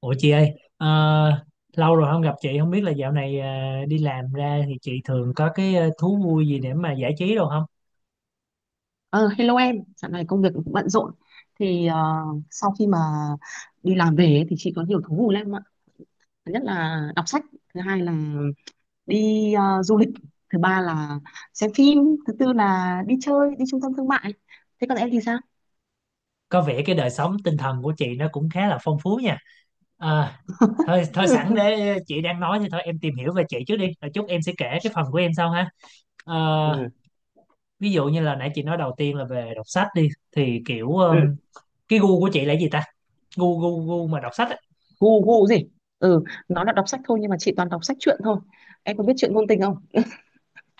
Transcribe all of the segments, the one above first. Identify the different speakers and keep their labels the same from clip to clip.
Speaker 1: Ủa chị ơi, ờ, lâu rồi không gặp chị, không biết là dạo này đi làm ra thì chị thường có cái thú vui gì để mà giải trí đâu không?
Speaker 2: Ờ, Hello em, dạo này công việc cũng bận rộn. Thì sau khi mà đi làm về ấy, thì chị có nhiều thú vui lắm ạ. Thứ nhất là đọc sách, thứ hai là đi du lịch, thứ ba là xem phim, thứ tư là đi chơi, đi trung tâm thương mại. Thế còn em thì sao?
Speaker 1: Có vẻ cái đời sống tinh thần của chị nó cũng khá là phong phú nha. Ờ, thôi thôi sẵn
Speaker 2: Ừ,
Speaker 1: để chị đang nói thì thôi em tìm hiểu về chị trước đi, rồi chút em sẽ kể cái phần của em sau ha. Ờ,
Speaker 2: ừ,
Speaker 1: ví dụ như là nãy chị nói đầu tiên là về đọc sách đi, thì kiểu
Speaker 2: ừ.
Speaker 1: cái gu của chị là gì ta? Gu gu gu mà đọc sách á?
Speaker 2: Gu gu gì? Ừ, nó là đọc sách thôi nhưng mà chị toàn đọc sách truyện thôi. Em có biết truyện ngôn tình không?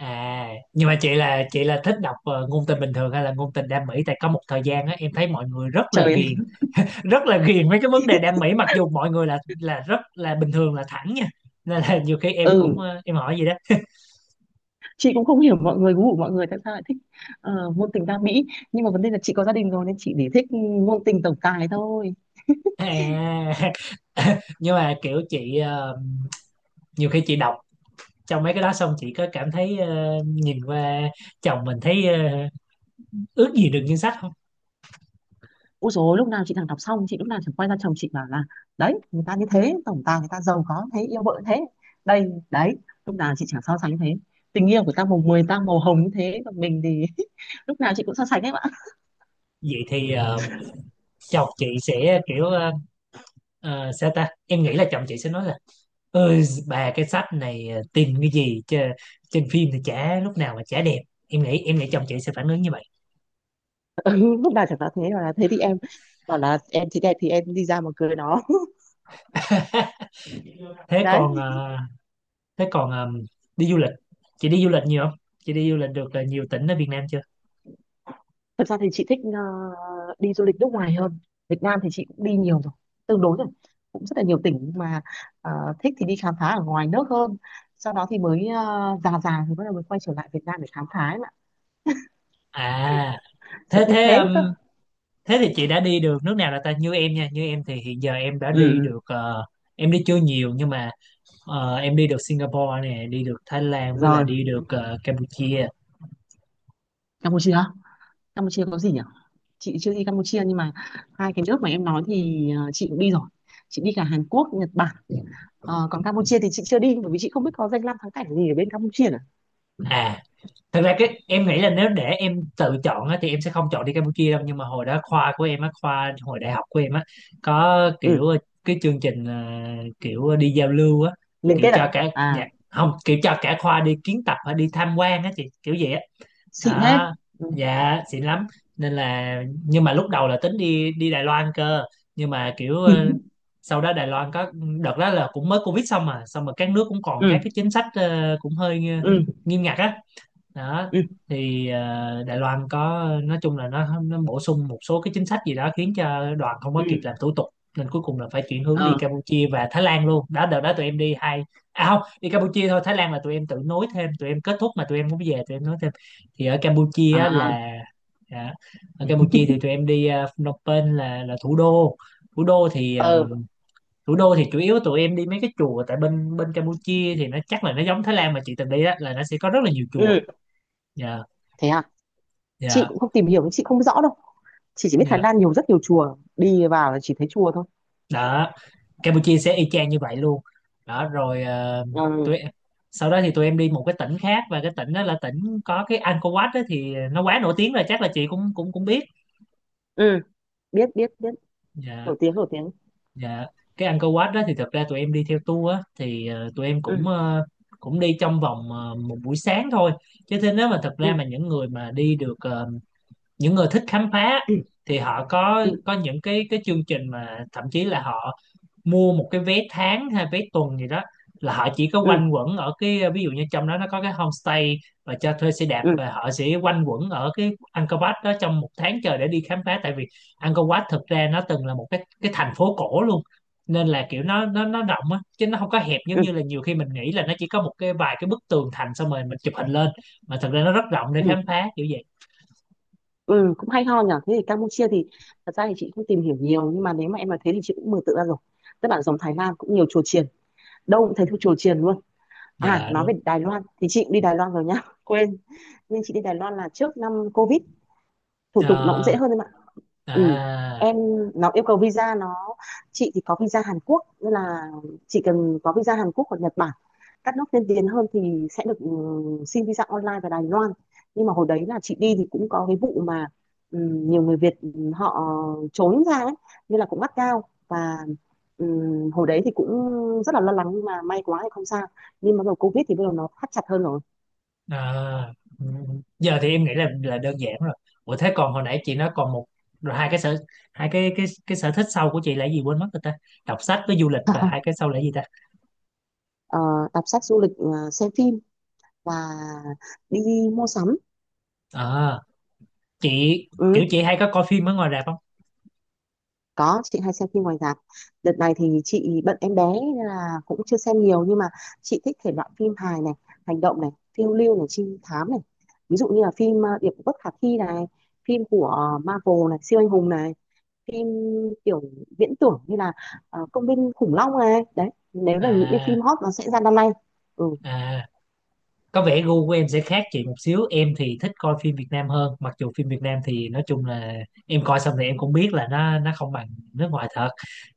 Speaker 1: À, nhưng mà chị là thích đọc ngôn tình bình thường hay là ngôn tình đam mỹ, tại có một thời gian á em thấy mọi người
Speaker 2: Trời, ơi.
Speaker 1: rất là ghiền mấy cái vấn đề đam mỹ, mặc dù mọi người là rất là bình thường là thẳng nha. Nên là nhiều khi em cũng
Speaker 2: Ừ.
Speaker 1: em hỏi gì đó.
Speaker 2: Chị cũng không hiểu mọi người, gu của mọi người tại sao lại thích ngôn tình ca mỹ. Nhưng mà vấn đề là chị có gia đình rồi nên chị để thích ngôn tình tổng tài thôi.
Speaker 1: À, nhưng mà kiểu nhiều khi chị đọc trong mấy cái đó xong chị có cảm thấy nhìn qua chồng mình thấy ước gì được như sách không?
Speaker 2: Ôi dồi ôi, lúc nào chị thằng đọc xong chị lúc nào chẳng quay ra chồng chị bảo là đấy, người ta như thế, tổng tài người ta giàu có thế, yêu vợ thế, đây đấy, lúc nào chị chẳng so sánh thế. Tình yêu của ta màu mười ta màu hồng như thế còn mình thì lúc nào chị cũng so sánh em ạ.
Speaker 1: Vậy thì chồng chị sẽ kiểu sao ta? Em nghĩ là chồng chị sẽ nói, ơi bà, cái sách này tin cái gì chứ, trên phim thì chả lúc nào mà chả đẹp, em nghĩ chồng chị sẽ phản ứng như vậy.
Speaker 2: Ừ, lúc nào chẳng nói thế, bảo là thế thì em bảo là em thì đẹp thì em đi ra mà cưới nó.
Speaker 1: thế
Speaker 2: Đấy.
Speaker 1: còn ờ, thế còn đi du lịch, chị đi du lịch nhiều không, chị đi du lịch được nhiều tỉnh ở Việt Nam chưa?
Speaker 2: Thật ra thì chị thích đi du lịch nước ngoài hơn. Việt Nam thì chị cũng đi nhiều rồi, tương đối rồi. Cũng rất là nhiều tỉnh nhưng mà ờ, thích thì đi khám phá ở ngoài nước hơn. Sau đó thì mới già già thì bắt đầu mới quay trở lại Việt Nam để khám phá ấy mà.
Speaker 1: À,
Speaker 2: Sở
Speaker 1: thế
Speaker 2: thích
Speaker 1: thế
Speaker 2: thế cơ.
Speaker 1: thế thì chị đã đi được nước nào là ta, như em nha. Như em thì hiện giờ em đã
Speaker 2: Ừ,
Speaker 1: đi
Speaker 2: ừ.
Speaker 1: được ờ, em đi chưa nhiều, nhưng mà em đi được Singapore nè, đi được Thái Lan, với là
Speaker 2: Rồi.
Speaker 1: đi được Campuchia.
Speaker 2: Campuchia. Campuchia có gì nhỉ? Chị chưa đi Campuchia nhưng mà hai cái nước mà em nói thì chị cũng đi rồi. Chị đi cả Hàn Quốc, Nhật Bản. Còn Campuchia thì chị chưa đi bởi vì chị không biết có danh lam thắng cảnh gì ở bên Campuchia nữa.
Speaker 1: À, thật ra cái em nghĩ là nếu để em tự chọn á, thì em sẽ không chọn đi Campuchia đâu, nhưng mà hồi đó khoa của em á, khoa hồi đại học của em á, có kiểu
Speaker 2: Ừ,
Speaker 1: cái chương trình à, kiểu đi giao lưu á,
Speaker 2: liên
Speaker 1: kiểu
Speaker 2: kết à?
Speaker 1: cho cả dạ,
Speaker 2: À,
Speaker 1: không, kiểu cho cả khoa đi kiến tập hay đi tham quan á chị, kiểu vậy á
Speaker 2: xịn thế.
Speaker 1: đó.
Speaker 2: Ừ.
Speaker 1: Dạ xịn lắm. Nên là, nhưng mà lúc đầu là tính đi đi Đài Loan cơ, nhưng mà kiểu
Speaker 2: Ừ.
Speaker 1: sau đó Đài Loan có, đợt đó là cũng mới Covid xong mà các nước cũng còn
Speaker 2: Ừ.
Speaker 1: các cái chính sách cũng hơi
Speaker 2: Ừ.
Speaker 1: nghiêm ngặt á. Đó
Speaker 2: Ừ.
Speaker 1: thì Đài Loan có, nói chung là nó bổ sung một số cái chính sách gì đó khiến cho đoàn không
Speaker 2: Ừ.
Speaker 1: có kịp làm thủ tục. Nên cuối cùng là phải chuyển hướng
Speaker 2: Ờ.
Speaker 1: đi Campuchia và Thái Lan luôn, đó đợt đó tụi em đi hai, à không, đi Campuchia thôi, Thái Lan là tụi em tự nối thêm, tụi em kết thúc mà tụi em muốn về tụi em nối thêm. Thì ở Campuchia á
Speaker 2: À.
Speaker 1: là, dạ, ở Campuchia thì tụi em đi Phnom Penh, là thủ đô. thủ đô thì
Speaker 2: Ờ.
Speaker 1: ờm, thủ đô thì chủ yếu tụi em đi mấy cái chùa, tại bên bên Campuchia thì nó, chắc là nó giống Thái Lan mà chị từng đi á, là nó sẽ có rất là nhiều chùa.
Speaker 2: Ừ.
Speaker 1: Dạ,
Speaker 2: Thế à? Chị
Speaker 1: dạ,
Speaker 2: cũng không tìm hiểu, chị không rõ đâu. Chị chỉ biết Thái
Speaker 1: dạ.
Speaker 2: Lan nhiều, rất nhiều chùa, đi vào là chỉ thấy chùa thôi.
Speaker 1: Đó, Campuchia sẽ y chang như vậy luôn. Đó rồi,
Speaker 2: Ừ.
Speaker 1: tụi em- sau đó thì tụi em đi một cái tỉnh khác, và cái tỉnh đó là tỉnh có cái Angkor Wat. Đó thì nó quá nổi tiếng rồi, chắc là chị cũng cũng cũng biết.
Speaker 2: Ừ. Biết, biết, biết.
Speaker 1: Dạ,
Speaker 2: Nổi tiếng, nổi tiếng.
Speaker 1: dạ. Cái Angkor Wat đó thì thực ra tụi em đi theo tour á, thì tụi em cũng
Speaker 2: Ừ.
Speaker 1: ờ, cũng đi trong vòng một buổi sáng thôi. Chứ thế, nếu mà thực ra
Speaker 2: Ừ.
Speaker 1: mà những người mà đi được ờ, những người thích khám phá,
Speaker 2: Ừ.
Speaker 1: thì họ có
Speaker 2: Ừ.
Speaker 1: có những cái chương trình mà thậm chí là họ mua một cái vé tháng hay vé tuần gì đó, là họ chỉ có
Speaker 2: Ừ.
Speaker 1: quanh quẩn ở cái, ví dụ như trong đó nó có cái homestay và cho thuê xe đạp,
Speaker 2: Ừ.
Speaker 1: và họ sẽ quanh quẩn ở cái Angkor Wat đó trong một tháng trời để đi khám phá. Tại vì Angkor Wat thực ra nó từng là một cái thành phố cổ luôn, nên là kiểu nó rộng á, chứ nó không có hẹp giống
Speaker 2: Ừ.
Speaker 1: như là nhiều khi mình nghĩ là nó chỉ có một cái vài cái bức tường thành xong rồi mình chụp hình lên, mà thật ra nó rất rộng để
Speaker 2: Ừ.
Speaker 1: khám phá kiểu vậy.
Speaker 2: Ừ. Cũng hay ho nhỉ. Thế thì Campuchia thì thật ra thì chị không tìm hiểu nhiều nhưng mà nếu mà em nói thế thì chị cũng mường tượng ra rồi. Tức là giống Thái Lan, cũng nhiều chùa chiền, đâu cũng thấy chùa chiền luôn. À,
Speaker 1: Dạ
Speaker 2: nói về
Speaker 1: đúng.
Speaker 2: Đài Loan thì chị cũng đi Đài Loan rồi nhá. Quên. Nên chị đi Đài Loan là trước năm Covid, thủ tục nó cũng
Speaker 1: Ờ,
Speaker 2: dễ hơn em ạ. Ừ.
Speaker 1: à.
Speaker 2: Em, nó yêu cầu visa, nó, chị thì có visa Hàn Quốc nên là chỉ cần có visa Hàn Quốc hoặc Nhật Bản, các nước tiên tiến hơn thì sẽ được ừ, xin visa online vào Đài Loan. Nhưng mà hồi đấy là chị đi thì cũng có cái vụ mà ừ, nhiều người Việt ừ, họ trốn ra ấy nên là cũng gắt gao, và ừ, hồi đấy thì cũng rất là lo lắng nhưng mà may quá thì không sao. Nhưng mà bắt đầu Covid thì bắt đầu nó thắt chặt hơn rồi.
Speaker 1: À, ừ. Ừ. Giờ thì em nghĩ là đơn giản rồi. Ủa thế còn hồi nãy chị nói còn một, rồi hai cái sở thích sau của chị là gì, quên mất rồi ta? Đọc sách với du lịch, và hai cái sau là gì ta?
Speaker 2: Ờ, đọc sách, du lịch, xem phim, và đi mua sắm.
Speaker 1: À, chị kiểu
Speaker 2: Ừ,
Speaker 1: chị hay có coi phim ở ngoài rạp không?
Speaker 2: có, chị hay xem phim ngoài rạp. Đợt này thì chị bận em bé nên là cũng chưa xem nhiều nhưng mà chị thích thể loại phim hài này, hành động này, phiêu lưu này, trinh thám này, ví dụ như là phim Điệp Vụ Bất Khả Thi này, phim của Marvel này, siêu anh hùng này, phim kiểu viễn tưởng như là công viên khủng long này đấy, nếu là những cái phim
Speaker 1: À,
Speaker 2: hot nó sẽ ra năm nay. Ừ.
Speaker 1: à. Có vẻ gu của em sẽ khác chị một xíu, em thì thích coi phim Việt Nam hơn, mặc dù phim Việt Nam thì nói chung là em coi xong thì em cũng biết là nó không bằng nước ngoài thật.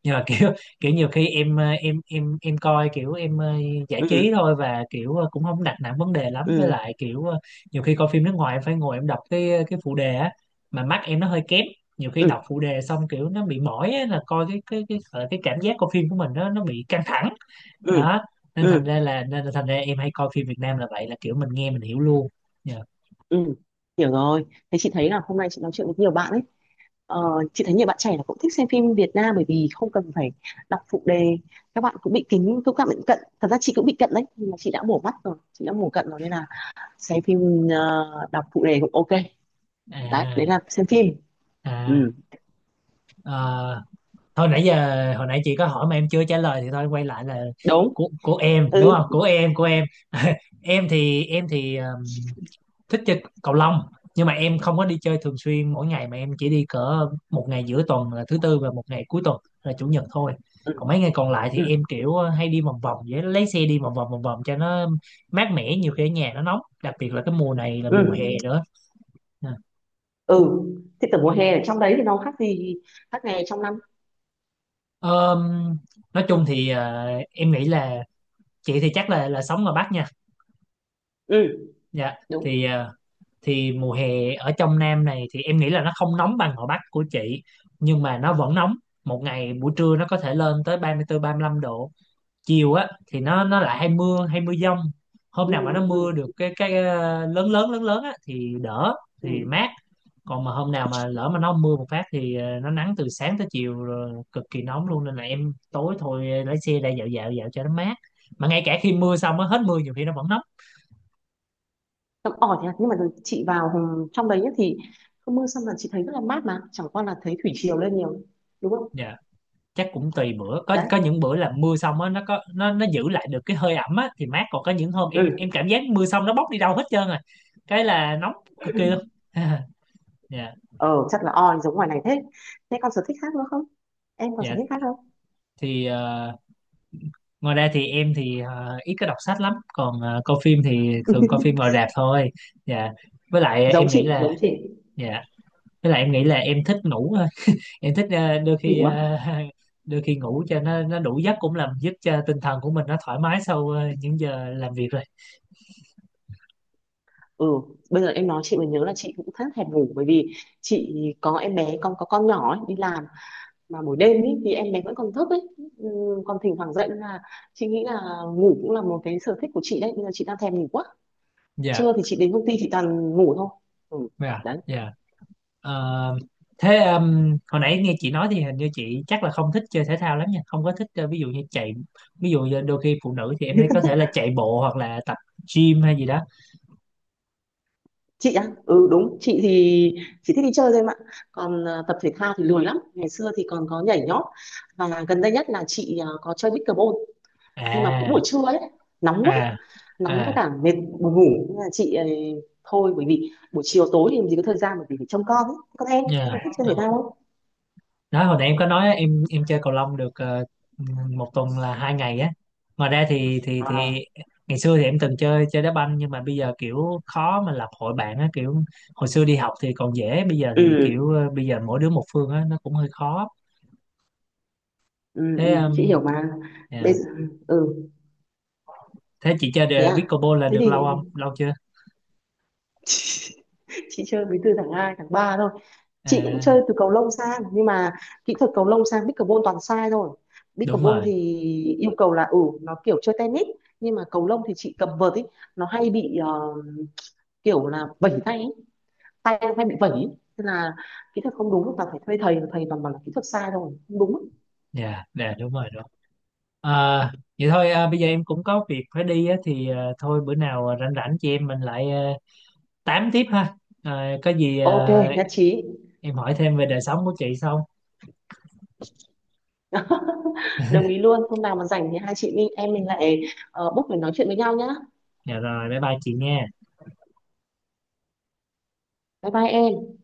Speaker 1: Nhưng mà kiểu kiểu nhiều khi em coi kiểu em giải trí thôi, và kiểu cũng không đặt nặng vấn đề lắm, với
Speaker 2: Ừ.
Speaker 1: lại kiểu nhiều khi coi phim nước ngoài em phải ngồi em đọc cái phụ đề á, mà mắt em nó hơi kém, nhiều khi
Speaker 2: Ừ.
Speaker 1: đọc phụ đề xong kiểu nó bị mỏi á, là coi cái cảm giác coi phim của mình nó bị căng thẳng.
Speaker 2: Ừ.
Speaker 1: Đó nên, thành
Speaker 2: Ừ.
Speaker 1: ra là nên là thành ra em hay coi phim Việt Nam là vậy, là kiểu mình nghe mình hiểu luôn. Dạ.
Speaker 2: Ừ, hiểu rồi. Thế chị thấy là hôm nay chị nói chuyện với nhiều bạn ấy. Ờ, chị thấy nhiều bạn trẻ là cũng thích xem phim Việt Nam bởi vì không cần phải đọc phụ đề, các bạn cũng bị kính, cũng các bạn bị cận, thật ra chị cũng bị cận đấy nhưng mà chị đã bổ mắt rồi, chị đã mổ cận rồi nên là xem phim đọc phụ đề cũng ok. Đấy,
Speaker 1: À.
Speaker 2: đấy là xem phim.
Speaker 1: À.
Speaker 2: Ừ,
Speaker 1: Ờ, thôi nãy giờ hồi nãy chị có hỏi mà em chưa trả lời, thì thôi quay lại là,
Speaker 2: đúng.
Speaker 1: của em đúng không,
Speaker 2: Ừ.
Speaker 1: của em, của em. Em thì thích chơi cầu lông, nhưng mà em không có đi chơi thường xuyên mỗi ngày, mà em chỉ đi cỡ một ngày giữa tuần là thứ Tư, và một ngày cuối tuần là chủ nhật thôi.
Speaker 2: Ừ.
Speaker 1: Còn mấy ngày còn lại thì
Speaker 2: Ừ.
Speaker 1: em kiểu hay đi vòng vòng vậy, lấy xe đi vòng vòng vòng vòng cho nó mát mẻ, nhiều khi ở nhà nó nóng, đặc biệt là cái mùa này là
Speaker 2: Ừ,
Speaker 1: mùa hè nữa nè.
Speaker 2: ừ. Thì tầm mùa hè ở trong đấy thì nó khác gì khác ngày trong năm?
Speaker 1: Ờm, nói chung thì em nghĩ là chị thì chắc là sống ở Bắc nha.
Speaker 2: Ừ,
Speaker 1: Dạ,
Speaker 2: đúng.
Speaker 1: thì thì mùa hè ở trong Nam này thì em nghĩ là nó không nóng bằng ở Bắc của chị, nhưng mà nó vẫn nóng. Một ngày buổi trưa nó có thể lên tới 34 35 độ, chiều á thì nó lại hay mưa, hay mưa dông. Hôm
Speaker 2: Ừ.
Speaker 1: nào mà nó
Speaker 2: Ừ.
Speaker 1: mưa được cái lớn lớn lớn lớn á thì đỡ,
Speaker 2: Ừ.
Speaker 1: thì mát. Còn mà hôm nào mà lỡ mà nó mưa một phát thì nó nắng từ sáng tới chiều rồi cực kỳ nóng luôn, nên là em tối thôi lái xe ra dạo dạo dạo cho nó mát, mà ngay cả khi mưa xong á, hết mưa nhiều khi nó vẫn nóng.
Speaker 2: Tầm ỏi thì, nhưng mà chị vào trong đấy nhá thì không, mưa xong là chị thấy rất là mát mà chẳng qua là thấy thủy triều lên nhiều, đúng không?
Speaker 1: Dạ. Chắc cũng tùy bữa, có
Speaker 2: Đấy.
Speaker 1: có những bữa là mưa xong á, nó có nó giữ lại được cái hơi ẩm á thì mát, còn có những hôm em
Speaker 2: Ừ.
Speaker 1: cảm giác mưa xong nó bốc đi đâu hết trơn rồi, cái là nóng cực kỳ luôn. Dạ.
Speaker 2: ờ Chắc là oi giống ngoài này thế. Thế còn sở thích khác nữa không, em còn sở
Speaker 1: Dạ,
Speaker 2: thích khác không?
Speaker 1: thì ngoài ra thì em thì ít có đọc sách lắm, còn coi phim thì thường coi phim ngoài rạp thôi. Dạ, với lại
Speaker 2: Giống
Speaker 1: em nghĩ
Speaker 2: chị,
Speaker 1: là,
Speaker 2: giống chị.
Speaker 1: dạ em thích ngủ thôi. Em thích đôi khi
Speaker 2: Ngủ á?
Speaker 1: đôi khi ngủ cho nó đủ giấc, cũng làm giúp cho tinh thần của mình nó thoải mái sau những giờ làm việc rồi.
Speaker 2: Ừ, bây giờ em nói chị mới nhớ là chị cũng khá thèm ngủ bởi vì chị có em bé con, có con nhỏ ấy, đi làm mà buổi đêm ấy, thì em bé vẫn còn thức ấy, ừ, còn thỉnh thoảng dậy nên là chị nghĩ là ngủ cũng là một cái sở thích của chị đấy, bây giờ chị đang thèm ngủ quá.
Speaker 1: Dạ.
Speaker 2: Trưa thì chị đến công ty chị toàn ngủ thôi. Ừ,
Speaker 1: Dạ,
Speaker 2: đấy.
Speaker 1: dạ. Ờ, thế hồi nãy nghe chị nói thì hình như chị chắc là không thích chơi thể thao lắm nha, không có thích ví dụ như chạy, ví dụ như đôi khi phụ nữ thì em thấy có thể là chạy bộ hoặc là tập gym hay gì đó.
Speaker 2: Chị á, ừ, đúng, chị thì chỉ thích đi chơi thôi em ạ. Còn tập thể thao thì lười lắm, ngày xưa thì còn có nhảy nhót, và gần đây nhất là chị có chơi pickleball. Nhưng mà cũng
Speaker 1: À,
Speaker 2: buổi trưa ấy, nóng quá,
Speaker 1: à,
Speaker 2: nóng với
Speaker 1: à,
Speaker 2: cả mệt, buồn ngủ nên là chị thôi, bởi vì buổi chiều tối thì làm gì có thời gian bởi vì phải trông con ấy. Còn em có thích chơi thể
Speaker 1: nha.
Speaker 2: thao không?
Speaker 1: Đó, hồi nãy em có nói em chơi cầu lông được một tuần là hai ngày á, ngoài ra thì thì
Speaker 2: À,
Speaker 1: thì ngày xưa thì em từng chơi chơi đá banh, nhưng mà bây giờ kiểu khó mà lập hội bạn á, kiểu hồi xưa đi học thì còn dễ, bây giờ
Speaker 2: ừ,
Speaker 1: thì kiểu ờ, bây giờ mỗi đứa một phương á, nó cũng hơi khó.
Speaker 2: ừ, ừ,
Speaker 1: thế
Speaker 2: chị
Speaker 1: um,
Speaker 2: hiểu mà. Bây
Speaker 1: yeah.
Speaker 2: giờ, ừ,
Speaker 1: Thế chị chơi
Speaker 2: thế à?
Speaker 1: pickleball là
Speaker 2: Thế
Speaker 1: được
Speaker 2: thì
Speaker 1: lâu không, lâu chưa?
Speaker 2: chị chơi đến từ tháng 2, tháng 3 thôi. Chị cũng
Speaker 1: À,
Speaker 2: chơi từ cầu lông sang nhưng mà kỹ thuật cầu lông sang pickleball toàn sai thôi.
Speaker 1: đúng
Speaker 2: Pickleball
Speaker 1: rồi.
Speaker 2: thì yêu cầu là ừ, nó kiểu chơi tennis, nhưng mà cầu lông thì chị cầm vợt ấy, nó hay bị kiểu là vẩy tay ấy. Tay nó hay bị vẩy ấy. Nên là kỹ thuật không đúng, toàn phải thuê thầy, thầy toàn bảo là kỹ thuật sai thôi, không đúng.
Speaker 1: Dạ, dạ, đúng rồi, đúng. À, vậy thôi, à, bây giờ em cũng có việc phải đi á thì, à, thôi bữa nào rảnh rảnh chị em mình lại tám tiếp ha. Rồi, có gì
Speaker 2: Ok, nhất trí.
Speaker 1: em hỏi thêm về đời sống của chị xong.
Speaker 2: Đồng ý luôn, hôm nào mà rảnh thì hai chị mình em mình lại book để nói chuyện với nhau nhá.
Speaker 1: Dạ rồi, bye bye chị nha.
Speaker 2: Bye bye em.